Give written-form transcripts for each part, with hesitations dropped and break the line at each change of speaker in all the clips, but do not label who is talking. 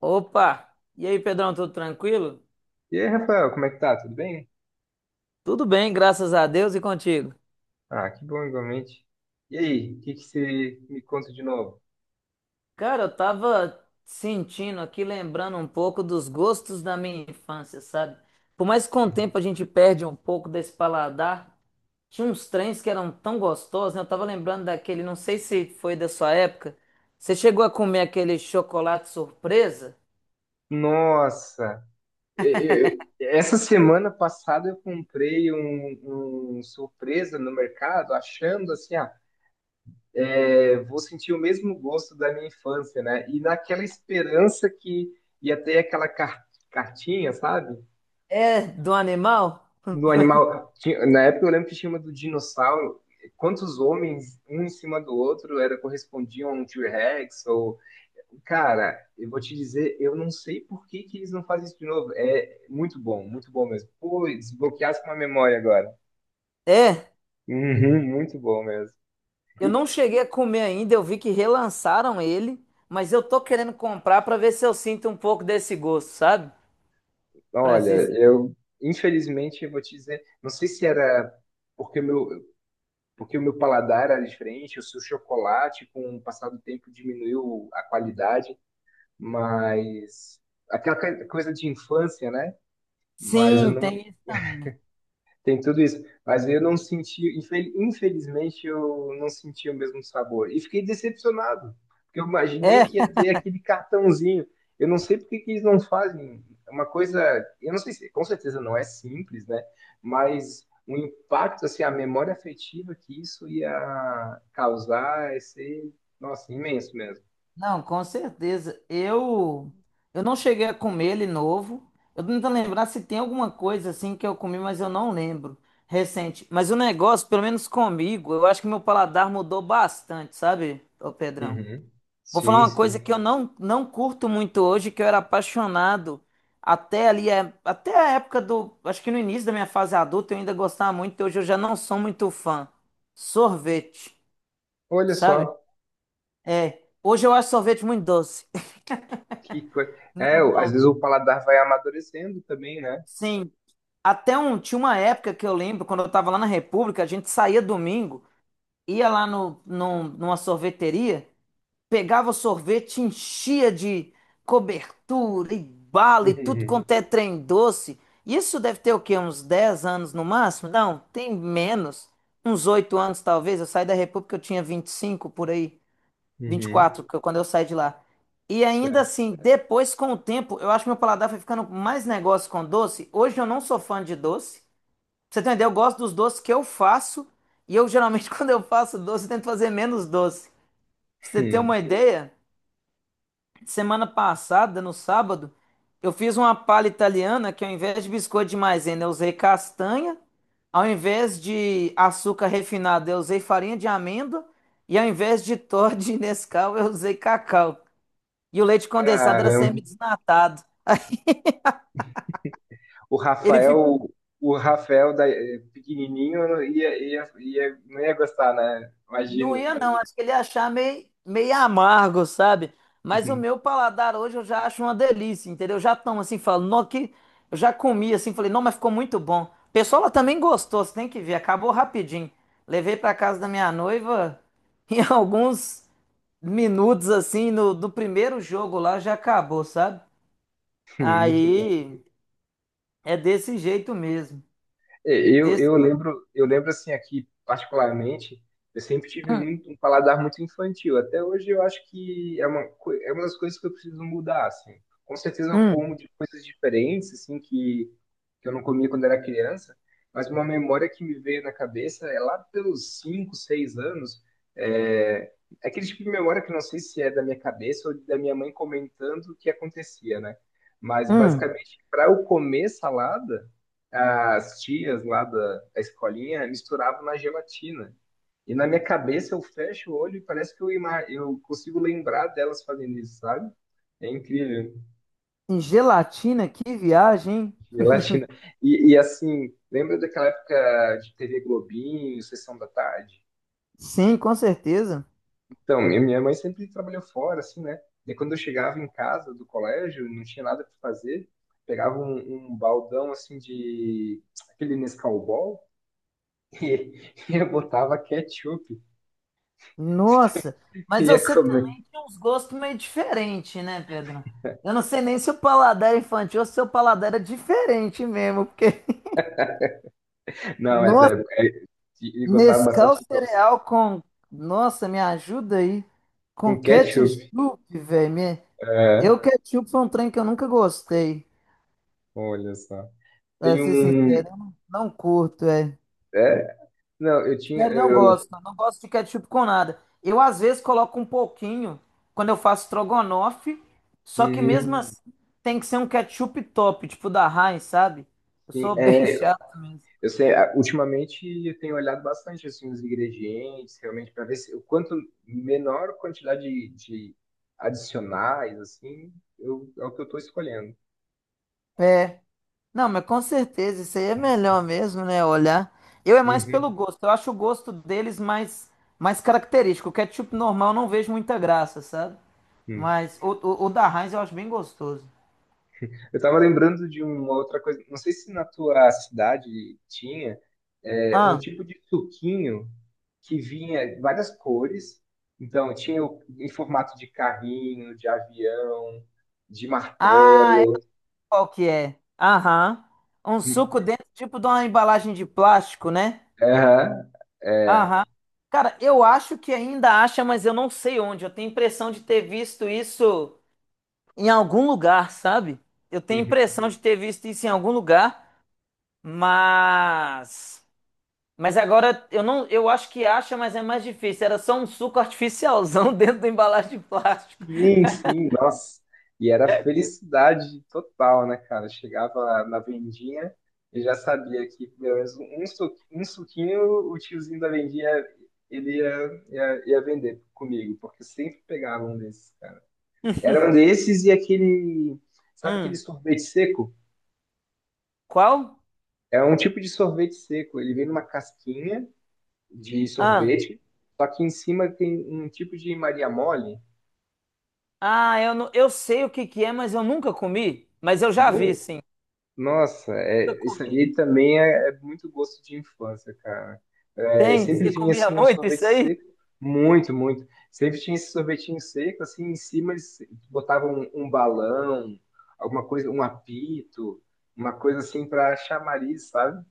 Opa! E aí, Pedrão, tudo tranquilo?
E aí, Rafael, como é que tá? Tudo bem?
Tudo bem, graças a Deus e contigo.
Ah, que bom igualmente. E aí, o que que você me conta de novo?
Cara, eu tava sentindo aqui, lembrando um pouco dos gostos da minha infância, sabe? Por mais que com o tempo a gente perde um pouco desse paladar, tinha uns trens que eram tão gostosos, né? Eu tava lembrando daquele, não sei se foi da sua época. Você chegou a comer aquele chocolate surpresa?
Nossa, essa semana passada eu comprei um surpresa no mercado, achando assim, ah, é, vou sentir o mesmo gosto da minha infância, né? E naquela esperança que ia ter aquela cartinha, sabe?
É, do animal?
Do animal. Na época eu lembro que tinha uma do dinossauro. Quantos homens, um em cima do outro, era correspondiam a um T-Rex? Ou... Cara, eu vou te dizer, eu não sei por que que eles não fazem isso de novo. É muito bom mesmo. Pô, desbloqueasse uma memória agora.
É.
Uhum, muito bom mesmo.
Eu
E
não cheguei a comer ainda, eu vi que relançaram ele, mas eu tô querendo comprar pra ver se eu sinto um pouco desse gosto, sabe? Para
olha,
ser
eu infelizmente eu vou te dizer, não sei se era porque o meu, porque o meu paladar era diferente, ou se o chocolate, com o passar do tempo, diminuiu a qualidade. Mas aquela coisa de infância, né? Mas eu
Sim,
não
tem isso também.
Tem tudo isso, mas eu não senti, infelizmente eu não senti o mesmo sabor e fiquei decepcionado, porque eu imaginei
É,
que ia ter aquele cartãozinho. Eu não sei por que que eles não fazem uma coisa, eu não sei se, com certeza não é simples, né? Mas o impacto, assim, a memória afetiva que isso ia causar ia ser, nossa, imenso mesmo.
não, com certeza. Eu não cheguei a comer ele novo. Eu tô tentando lembrar se tem alguma coisa assim que eu comi, mas eu não lembro. Recente. Mas o negócio, pelo menos comigo, eu acho que meu paladar mudou bastante, sabe, ô Pedrão?
Uhum.
Vou falar
Sim,
uma coisa
sim.
que eu não curto muito hoje, que eu era apaixonado até ali, é, até a época do. Acho que no início da minha fase adulta eu ainda gostava muito, hoje eu já não sou muito fã. Sorvete,
Olha
sabe?
só.
É. Hoje eu acho sorvete muito doce.
Que coisa. É, às vezes
Normal.
o paladar vai amadurecendo também, né?
Sim. Até um, tinha uma época que eu lembro, quando eu tava lá na República, a gente saía domingo, ia lá no, num- numa sorveteria. Pegava o sorvete, enchia de cobertura e bala e tudo
Uhum.
quanto é trem doce. Isso deve ter o quê? Uns 10 anos no máximo? Não, tem menos. Uns 8 anos talvez. Eu saí da República, eu tinha 25 por aí,
Uhum.
24, quando eu saí de lá. E ainda
Certo.
assim, depois com o tempo, eu acho que meu paladar foi ficando mais negócio com doce. Hoje eu não sou fã de doce. Pra você entender, eu gosto dos doces que eu faço. E eu geralmente, quando eu faço doce, eu tento fazer menos doce. Pra você ter
Hum.
uma ideia, semana passada, no sábado, eu fiz uma palha italiana que ao invés de biscoito de maisena, eu usei castanha. Ao invés de açúcar refinado, eu usei farinha de amêndoa. E ao invés de Toddy e Nescau, eu usei cacau. E o leite condensado era
Caramba.
semi-desnatado.
O
Ele
Rafael, o Rafael da, pequenininho não ia, ia, não ia gostar, né?
Não
Imagino,
ia, não.
imagino.
Acho que ele ia achar meio, meio amargo, sabe? Mas o
Uhum.
meu paladar hoje eu já acho uma delícia, entendeu? Eu já tomo assim, falo, não, que eu já comi assim, falei, não, mas ficou muito bom. O pessoal lá também gostou, você tem que ver, acabou rapidinho. Levei pra casa da minha noiva em alguns minutos assim, no, do primeiro jogo lá já acabou, sabe?
Muito.
Aí é desse jeito mesmo.
É,
Desse...
eu lembro assim aqui particularmente, eu sempre tive
Hum,
muito um paladar muito infantil. Até hoje eu acho que é uma é uma das coisas que eu preciso mudar, assim. Com certeza eu como
hum,
de coisas diferentes, assim, que eu não comia quando era criança, mas uma memória que me veio na cabeça é lá pelos 5, 6 anos, é é aquele tipo de memória que eu não sei se é da minha cabeça ou da minha mãe comentando o que acontecia, né? Mas
hum.
basicamente, para eu comer salada as tias lá da escolinha misturavam na gelatina. E na minha cabeça eu fecho o olho e parece que eu, eu consigo lembrar delas fazendo isso, sabe? É incrível.
Em gelatina, que viagem, hein?
Gelatina. E assim, lembra daquela época de TV Globinho, Sessão da Tarde?
Sim, com certeza.
Então, minha mãe sempre trabalhou fora, assim, né? E quando eu chegava em casa do colégio, não tinha nada para fazer, pegava um baldão, assim, de aquele Nescau Ball e eu botava ketchup
Nossa, mas
ia
você
comer.
também tinha uns gostos meio diferentes, né, Pedro? Eu não sei nem se o paladar é infantil ou se o seu paladar era diferente mesmo, porque,
Não, mas
nossa,
e gostava
Nescau
bastante de doce.
cereal com, nossa, me ajuda aí,
Com
com
ketchup?
ketchup, velho, me...
É,
Eu ketchup foi um trem que eu nunca gostei,
olha só.
pra
Tem
ser
um.
sincero, eu não curto, é.
É, não, eu tinha.
Sério, não
Eu,
gosto. Não gosto de ketchup com nada. Eu, às vezes, coloco um pouquinho quando eu faço strogonoff, só que mesmo
hum,
assim tem que ser um ketchup top, tipo da Heinz, sabe? Eu
sim,
sou bem
é,
chato mesmo.
eu sei, ah, ultimamente eu tenho olhado bastante assim, os ingredientes, realmente, para ver se, o quanto menor quantidade de adicionais, assim, é o que eu estou escolhendo.
É. Não, mas com certeza, isso aí é melhor mesmo, né? Olhar. Eu é mais pelo
Uhum.
gosto. Eu acho o gosto deles mais, mais característico. O ketchup normal eu não vejo muita graça, sabe?
Hum.
Mas o da Heinz eu acho bem gostoso.
Eu tava lembrando de uma outra coisa, não sei se na tua cidade tinha é, um
Ah,
tipo de suquinho que vinha várias cores. Então, em formato de carrinho, de avião, de
ah,
martelo.
qual que é? Aham. Um suco dentro, tipo de uma embalagem de plástico, né?
Aham, é.
Aham. Cara, eu acho que ainda acha, mas eu não sei onde. Eu tenho impressão de ter visto isso em algum lugar, sabe? Eu tenho
Uhum.
impressão de ter visto isso em algum lugar, mas mas agora eu não, eu acho que acha, mas é mais difícil. Era só um suco artificialzão dentro da embalagem de plástico.
Sim, sim, nossa. E era felicidade total, né, cara? Chegava na vendinha e já sabia que pelo menos um suquinho o tiozinho da vendinha ele ia, ia vender comigo, porque sempre pegava um desses, cara. Era um desses e aquele, sabe aquele
Hum,
sorvete seco?
qual?
É um tipo de sorvete seco. Ele vem numa casquinha de
Ah,
sorvete, só que em cima tem um tipo de Maria mole.
ah, eu não, eu sei o que que é, mas eu nunca comi, mas eu já vi,
Não.
sim.
Nossa,
Eu
é, isso
comi.
aí também é muito gosto de infância, cara. É,
Tem?
sempre
Você
vinha
comia
assim um
muito
sorvete
isso aí?
seco, muito, muito. Sempre tinha esse sorvetinho seco, assim, em cima eles botavam um balão, alguma coisa, um apito, uma coisa assim para chamariz, sabe?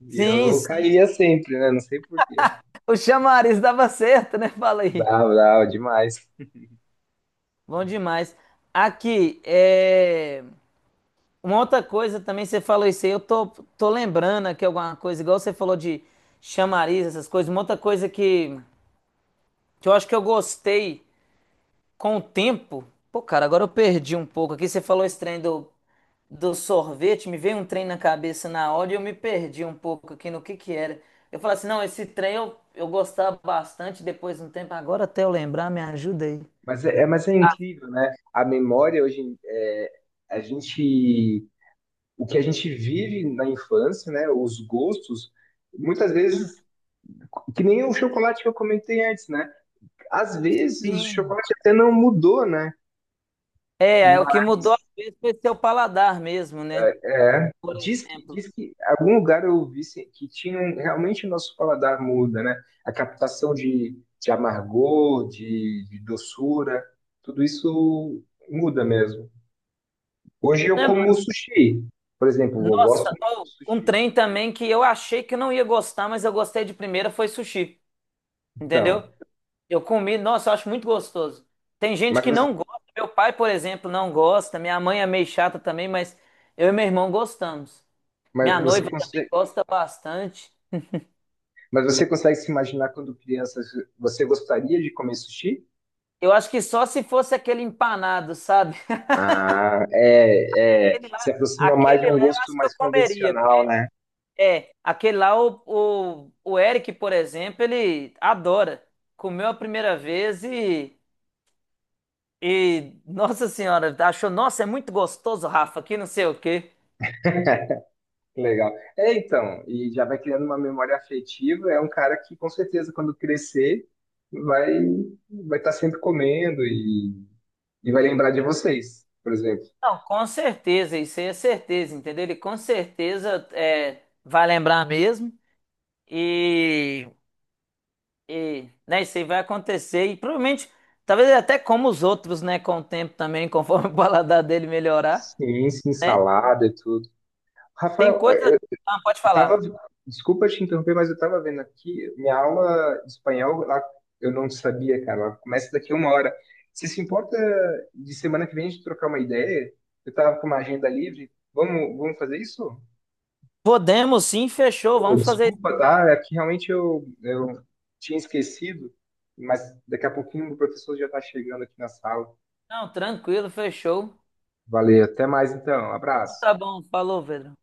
E
Sim,
eu
sim.
caía sempre, né? Não sei por quê.
O chamariz dava certo, né? Fala aí.
Bravo, bravo, demais.
Bom demais. Aqui, é... uma outra coisa também, você falou isso aí, eu tô, tô lembrando aqui alguma coisa, igual você falou de chamariz, essas coisas. Uma outra coisa que eu acho que eu gostei com o tempo. Pô, cara, agora eu perdi um pouco aqui. Você falou esse trem do sorvete, me veio um trem na cabeça na hora e eu me perdi um pouco aqui no que era. Eu falei assim, não, esse trem eu gostava bastante depois de um tempo. Agora até eu lembrar, me ajuda aí.
Mas mas é incrível, né? A memória hoje, é, a gente. O que a gente vive na infância, né? Os gostos, muitas vezes, que nem o chocolate que eu comentei antes, né? Às vezes o
Sim.
chocolate até não mudou, né?
É, é o que
Mas,
mudou às vezes foi seu paladar mesmo, né?
é,
Por exemplo.
diz que em algum lugar eu vi se- que realmente o nosso paladar muda, né? A captação de amargor, de doçura, tudo isso muda mesmo. Hoje eu
Né, mano?
como sushi, por exemplo, eu gosto
Nossa,
muito de
ó, um
sushi.
trem também que eu achei que eu não ia gostar, mas eu gostei de primeira foi sushi, entendeu?
Então,
Eu comi, nossa, eu acho muito gostoso. Tem gente
mas
que não
você,
gosta. Meu pai, por exemplo, não gosta. Minha mãe é meio chata também, mas eu e meu irmão gostamos.
mas
Minha
você
noiva também
conse-
gosta bastante.
mas você consegue se imaginar quando criança você gostaria de comer sushi?
Eu acho que só se fosse aquele empanado, sabe?
Ah,
Aquele lá,
se aproxima mais de
aquele
um
lá eu
gosto
acho que eu
mais
comeria.
convencional, né?
É, aquele lá, o Eric, por exemplo, ele adora. Comeu a primeira vez e, nossa senhora, achou, nossa, é muito gostoso, Rafa, que não sei o quê.
Legal. É, então, e já vai criando uma memória afetiva, é um cara que com certeza quando crescer vai vai estar sempre comendo e vai lembrar de vocês, por exemplo.
Não, com certeza, isso aí é certeza, entendeu? Ele com certeza é, vai lembrar mesmo e, né, isso aí vai acontecer e provavelmente, talvez ele até como os outros, né, com o tempo também, conforme o paladar dele melhorar,
Sim, sim,
né?
salada e tudo.
Tem
Rafael, eu
coisa... Ah, pode
tava,
falar.
desculpa te interromper, mas eu tava vendo aqui, minha aula de espanhol, lá, eu não sabia, cara, ela começa daqui a uma hora. Você se importa de semana que vem a gente trocar uma ideia? Eu tava com uma agenda livre, vamos, vamos fazer isso?
Podemos sim, fechou,
Pô,
vamos fazer isso.
desculpa, tá? É que realmente eu tinha esquecido, mas daqui a pouquinho o professor já tá chegando aqui na sala.
Não, tranquilo, fechou.
Valeu, até mais então,
Então,
abraço.
tá bom, falou, Pedro.